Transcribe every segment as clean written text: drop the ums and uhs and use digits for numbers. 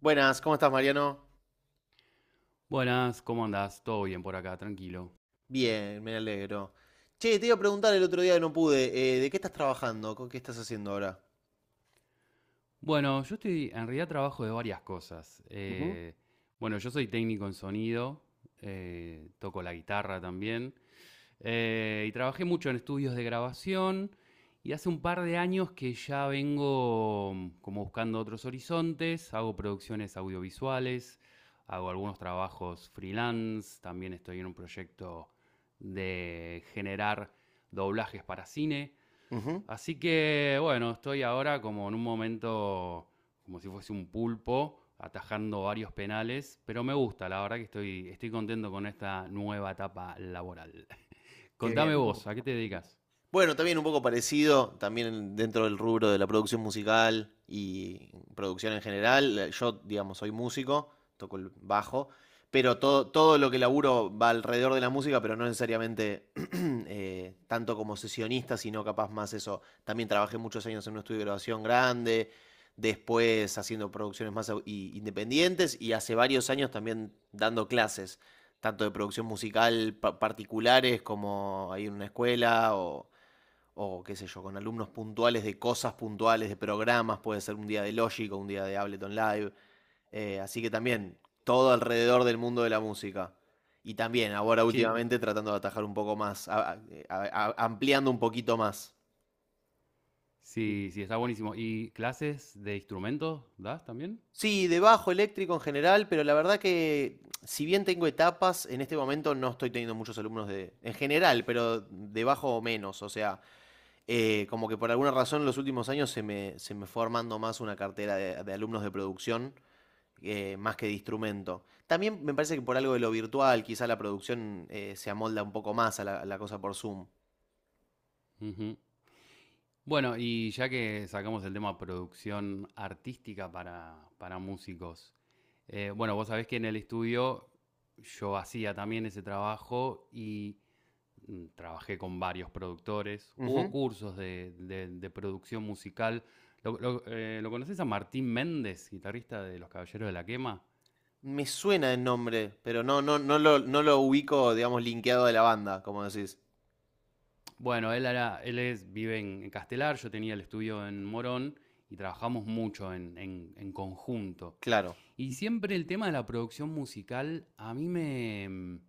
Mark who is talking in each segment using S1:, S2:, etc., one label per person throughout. S1: Buenas, ¿cómo estás, Mariano?
S2: Buenas, ¿cómo andás? Todo bien por acá, tranquilo.
S1: Bien, me alegro. Che, te iba a preguntar el otro día que no pude, ¿de qué estás trabajando? ¿Con qué estás haciendo ahora?
S2: Bueno, yo estoy, en realidad trabajo de varias cosas.
S1: Ujú.
S2: Bueno, yo soy técnico en sonido, toco la guitarra también, y trabajé mucho en estudios de grabación, y hace un par de años que ya vengo como buscando otros horizontes, hago producciones audiovisuales, hago algunos trabajos freelance, también estoy en un proyecto de generar doblajes para cine.
S1: Ujú.
S2: Así que bueno, estoy ahora como en un momento, como si fuese un pulpo, atajando varios penales, pero me gusta, la verdad que estoy contento con esta nueva etapa laboral.
S1: Qué bien.
S2: Contame vos, ¿a qué te dedicas?
S1: Bueno, también un poco parecido, también dentro del rubro de la producción musical y producción en general. Yo, digamos, soy músico, toco el bajo, pero todo lo que laburo va alrededor de la música, pero no necesariamente tanto como sesionista, sino capaz más eso. También trabajé muchos años en un estudio de grabación grande, después haciendo producciones independientes y hace varios años también dando clases, tanto de producción musical particulares como ahí en una escuela o qué sé yo, con alumnos puntuales de cosas puntuales, de programas, puede ser un día de Logic o un día de Ableton Live. Así que también, todo alrededor del mundo de la música. Y también, ahora
S2: Sí,
S1: últimamente tratando de atajar un poco más, ampliando un poquito más.
S2: sí, sí, está buenísimo. ¿Y clases de instrumentos das también?
S1: Sí, de bajo eléctrico en general, pero la verdad que si bien tengo etapas, en este momento no estoy teniendo muchos alumnos de, en general, pero de bajo o menos. O sea, como que por alguna razón en los últimos años se me fue armando más una cartera de alumnos de producción más que de instrumento. También me parece que por algo de lo virtual, quizá la producción se amolda un poco más a la cosa por Zoom.
S2: Ujú. Bueno, y ya que sacamos el tema producción artística para músicos, bueno, vos sabés que en el estudio yo hacía también ese trabajo y trabajé con varios productores, hubo
S1: Ujú.
S2: cursos de producción musical. ¿Lo conoces a Martín Méndez, guitarrista de Los Caballeros de la Quema?
S1: Me suena el nombre, pero no lo ubico, digamos, linkeado de la banda, como decís.
S2: Bueno, él es, en Castelar, yo tenía el estudio en Morón y trabajamos mucho en conjunto.
S1: Claro.
S2: Y siempre el tema de la producción musical a mí me,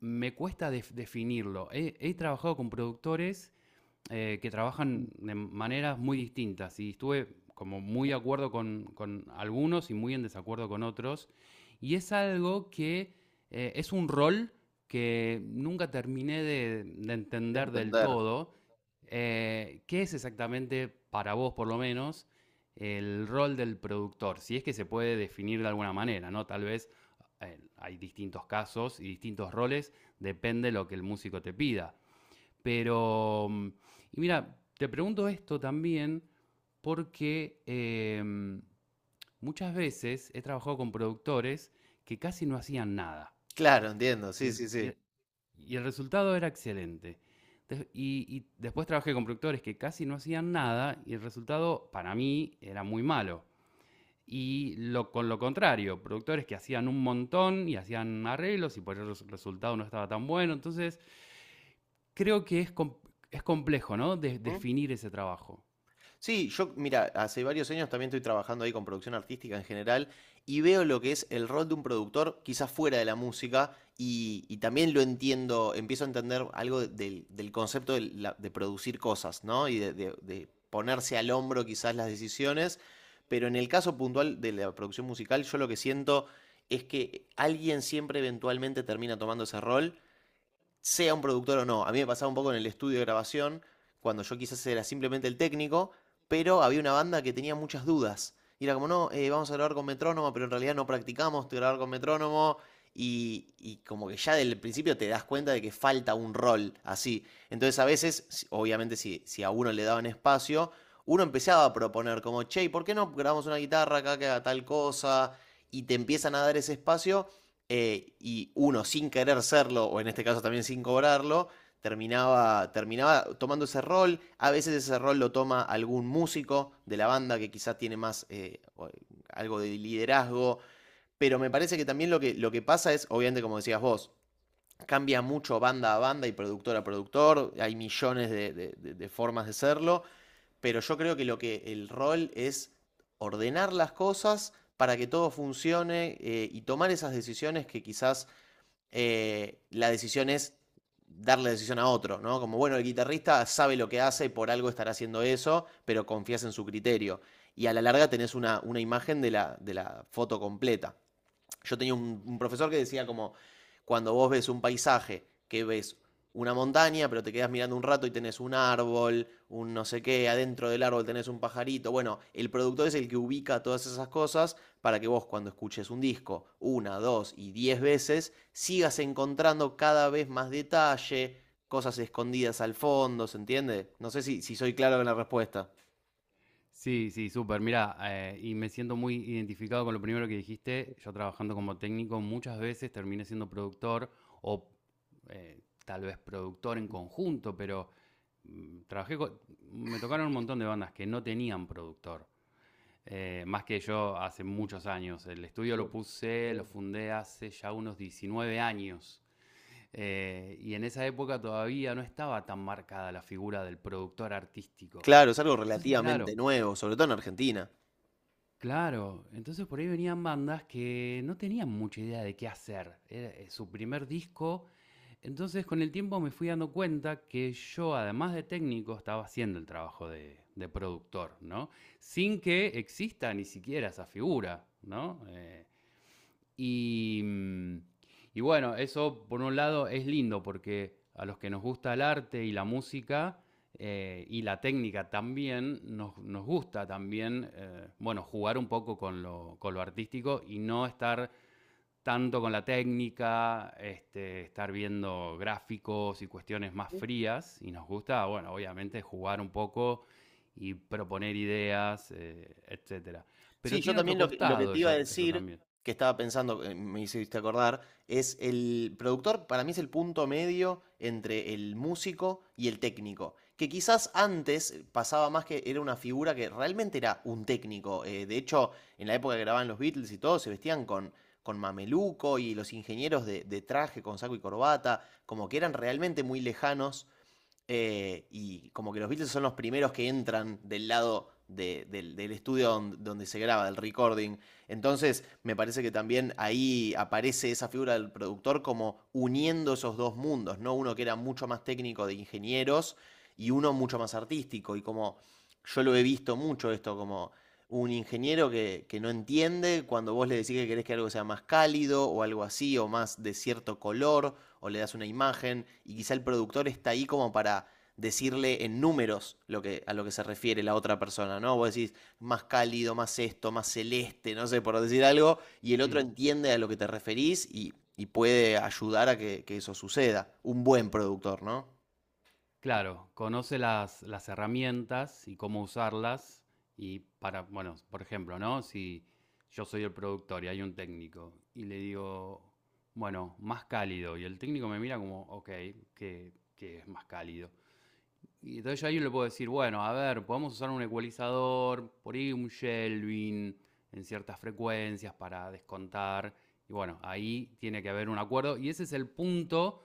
S2: me cuesta definirlo. He trabajado con productores que trabajan de maneras muy distintas y estuve como muy de acuerdo con algunos y muy en desacuerdo con otros. Y es algo que es un rol que nunca terminé de
S1: De
S2: entender del
S1: entender.
S2: todo. ¿Qué es exactamente, para vos por lo menos, el rol del productor? Si es que se puede definir de alguna manera, ¿no? Tal vez hay distintos casos y distintos roles, depende de lo que el músico te pida. Pero, y mira, te pregunto esto también porque muchas veces he trabajado con productores que casi no hacían nada.
S1: Claro, entiendo,
S2: Y
S1: sí,
S2: el,
S1: sí,
S2: y
S1: sí.
S2: el- y el resultado era excelente. Y, y después trabajé con productores que casi no hacían nada y el resultado para mí era muy malo. Y lo, con lo contrario, productores que hacían un montón y hacían arreglos y por eso el resultado no estaba tan bueno. Entonces, creo que es complejo, ¿no? Definir ese trabajo.
S1: Sí, yo, mira, hace varios años también estoy trabajando ahí con producción artística en general y veo lo que es el rol de un productor, quizás fuera de la música, y también lo entiendo, empiezo a entender algo del concepto de, de producir cosas, ¿no? Y de ponerse al hombro quizás las decisiones, pero en el caso puntual de la producción musical, yo lo que siento es que alguien siempre eventualmente termina tomando ese rol, sea un productor o no. A mí me pasaba un poco en el estudio de grabación, cuando yo quizás era simplemente el técnico, pero había una banda que tenía muchas dudas. Y era como, no, vamos a grabar con metrónomo, pero en realidad no practicamos de grabar con metrónomo. Y como que ya del principio te das cuenta de que falta un rol así. Entonces a veces, obviamente si a uno le daban espacio, uno empezaba a proponer como, che, ¿por qué no grabamos una guitarra acá que haga tal cosa? Y te empiezan a dar ese espacio, y uno sin querer serlo, o en este caso también sin cobrarlo, terminaba tomando ese rol. A veces ese rol lo toma algún músico de la banda que quizás tiene más algo de liderazgo, pero me parece que también lo que pasa es, obviamente como decías vos, cambia mucho banda a banda y productor a productor, hay millones de formas de serlo, pero yo creo que lo que el rol es ordenar las cosas para que todo funcione, y tomar esas decisiones que quizás la decisión es darle la decisión a otro, ¿no? Como, bueno, el guitarrista sabe lo que hace y por algo estará haciendo eso, pero confías en su criterio. Y a la larga tenés una imagen de la foto completa. Yo tenía un profesor que decía como, cuando vos ves un paisaje, que ves una montaña, pero te quedas mirando un rato y tenés un árbol, un no sé qué, adentro del árbol tenés un pajarito. Bueno, el productor es el que ubica todas esas cosas para que vos cuando escuches un disco una, dos y diez veces, sigas encontrando cada vez más detalle, cosas escondidas al fondo, ¿se entiende? No sé si soy claro en la respuesta.
S2: Sí, sí, súper. Mira, y me siento muy identificado con lo primero que dijiste. Yo trabajando como técnico muchas veces terminé siendo productor o tal vez productor en conjunto, pero mm, trabajé co- me tocaron un montón de bandas que no tenían productor. Más que yo hace muchos años. El estudio lo puse, lo fundé hace ya unos 19 años. Y en esa época todavía no estaba tan marcada la figura del productor artístico.
S1: Claro, es algo
S2: Entonces,
S1: relativamente nuevo, sobre todo en Argentina.
S2: claro. Entonces por ahí venían bandas que no tenían mucha idea de qué hacer. Era su primer disco. Entonces con el tiempo me fui dando cuenta que yo, además de técnico, estaba haciendo el trabajo de productor, ¿no? Sin que exista ni siquiera esa figura, ¿no? Y, mm, y bueno, eso por un lado es lindo porque a los que nos gusta el arte y la música y la técnica también, nos gusta también, bueno, jugar un poco con lo artístico y no estar tanto con la técnica, este, estar viendo gráficos y cuestiones más frías. Y nos gusta, bueno, obviamente jugar un poco y proponer ideas, etcétera. Pero
S1: Sí, yo
S2: tiene otro
S1: también lo que
S2: costado
S1: te iba a
S2: eso
S1: decir,
S2: también.
S1: que estaba pensando, me hiciste acordar, es el productor, para mí es el punto medio entre el músico y el técnico. Que quizás antes pasaba más que era una figura que realmente era un técnico. De hecho, en la época que grababan los Beatles y todo, se vestían con mameluco y los ingenieros de traje, con saco y corbata, como que eran realmente muy lejanos, y como que los Beatles son los primeros que entran del lado del estudio donde se graba, del recording. Entonces, me parece que también ahí aparece esa figura del productor como uniendo esos dos mundos, ¿no? Uno que era mucho más técnico de ingenieros y uno mucho más artístico. Y como yo lo he visto mucho esto, como un ingeniero que no entiende cuando vos le decís que querés que algo sea más cálido o algo así, o más de cierto color o le das una imagen y quizá el productor está ahí como para decirle en números a lo que se refiere la otra persona, ¿no? Vos decís más cálido, más esto, más celeste, no sé, por decir algo, y el
S2: Mm.
S1: otro entiende a lo que te referís y puede ayudar a que eso suceda. Un buen productor, ¿no?
S2: Claro, conoce las herramientas y cómo usarlas y para, bueno, por ejemplo, ¿no? Si yo soy el productor y hay un técnico y le digo, bueno, más cálido y el técnico me mira como, ok, que es más cálido. Y entonces yo ahí le puedo decir, bueno, a ver, podemos usar un ecualizador, por ahí un shelving en ciertas frecuencias para descontar. Y bueno, ahí tiene que haber un acuerdo. Y ese es el punto,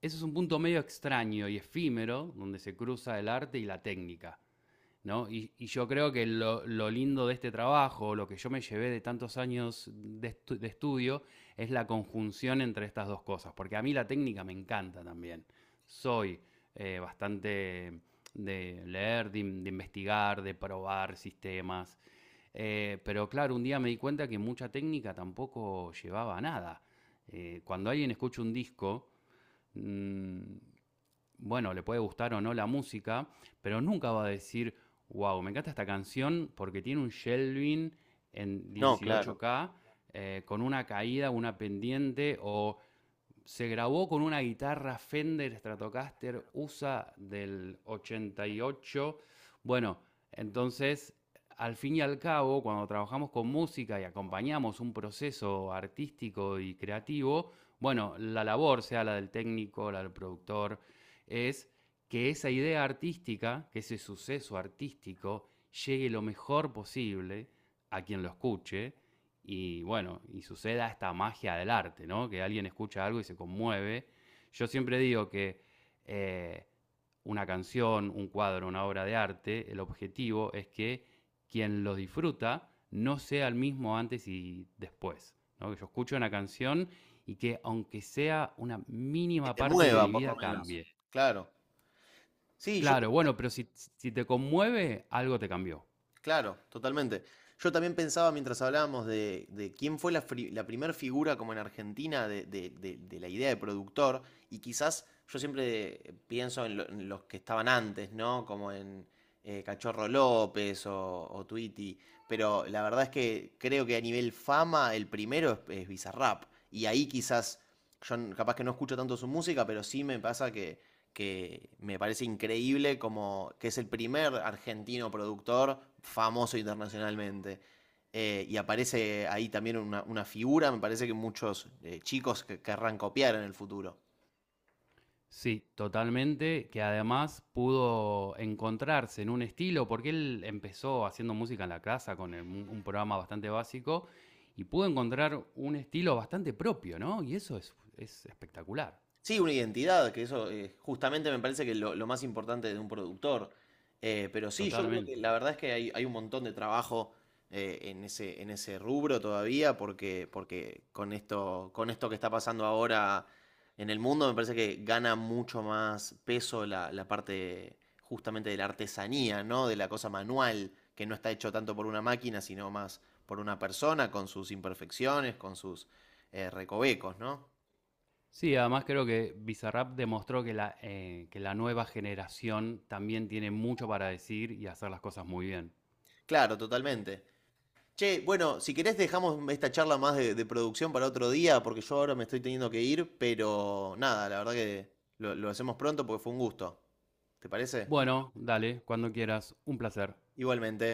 S2: eso es un punto medio extraño y efímero donde se cruza el arte y la técnica, ¿no? Y yo creo que lindo de este trabajo, lo que yo me llevé de tantos años estudio, es la conjunción entre estas dos cosas, porque a mí la técnica me encanta también. Soy bastante de leer, investigar, de probar sistemas, pero claro, un día me di cuenta que mucha técnica tampoco llevaba a nada. Cuando alguien escucha un disco, mm, bueno, le puede gustar o no la música, pero nunca va a decir, wow, me encanta esta canción porque tiene un shelving en
S1: No, claro.
S2: 18K con una caída, una pendiente o se grabó con una guitarra Fender Stratocaster USA del 88. Bueno, entonces, al fin y al cabo, cuando trabajamos con música y acompañamos un proceso artístico y creativo, bueno, la labor, sea la del técnico, la del productor, es que esa idea artística, que ese suceso artístico, llegue lo mejor posible a quien lo escuche y bueno, y suceda esta magia del arte, ¿no? Que alguien escucha algo y se conmueve. Yo siempre digo que eh, una canción, un cuadro, una obra de arte, el objetivo es que quien los disfruta no sea el mismo antes y después, ¿no? Que yo escucho una canción y que aunque sea una
S1: Que
S2: mínima
S1: te
S2: parte de
S1: mueva,
S2: mi
S1: por lo
S2: vida
S1: menos.
S2: cambie.
S1: Claro. Sí, yo.
S2: Claro, bueno, pero si, si te conmueve, algo te cambió.
S1: Claro, totalmente. Yo también pensaba mientras hablábamos de quién fue la primer figura como en Argentina de, de la idea de productor, y quizás yo siempre pienso en, en los que estaban antes, ¿no? Como en Cachorro López o Tweety, pero la verdad es que creo que a nivel fama el primero es Bizarrap, y ahí quizás yo capaz que no escucho tanto su música, pero sí me pasa que me parece increíble como que es el primer argentino productor famoso internacionalmente. Y aparece ahí también una figura, me parece que muchos chicos que querrán copiar en el futuro.
S2: Sí, totalmente, que además pudo encontrarse en un estilo, porque él empezó haciendo música en la casa con un programa bastante básico y pudo encontrar un estilo bastante propio, ¿no? Y eso es espectacular,
S1: Sí, una identidad, que eso justamente me parece que es lo más importante de un productor. Pero sí, yo creo. Totalmente. Que
S2: totalmente.
S1: la verdad es que hay un montón de trabajo en ese rubro todavía, porque, porque con esto que está pasando ahora en el mundo, me parece que gana mucho más peso la, la parte justamente de la artesanía, ¿no? De la cosa manual, que no está hecho tanto por una máquina, sino más por una persona, con sus imperfecciones, con sus recovecos, ¿no?
S2: Sí, además creo que Bizarrap demostró que que la nueva generación también tiene mucho para decir y hacer las cosas muy bien.
S1: Claro, totalmente. Che, bueno, si querés dejamos esta charla más de producción para otro día, porque yo ahora me estoy teniendo que ir, pero nada, la verdad que lo hacemos pronto porque fue un gusto. ¿Te parece?
S2: Bueno, dale, cuando quieras, un placer.
S1: Igualmente.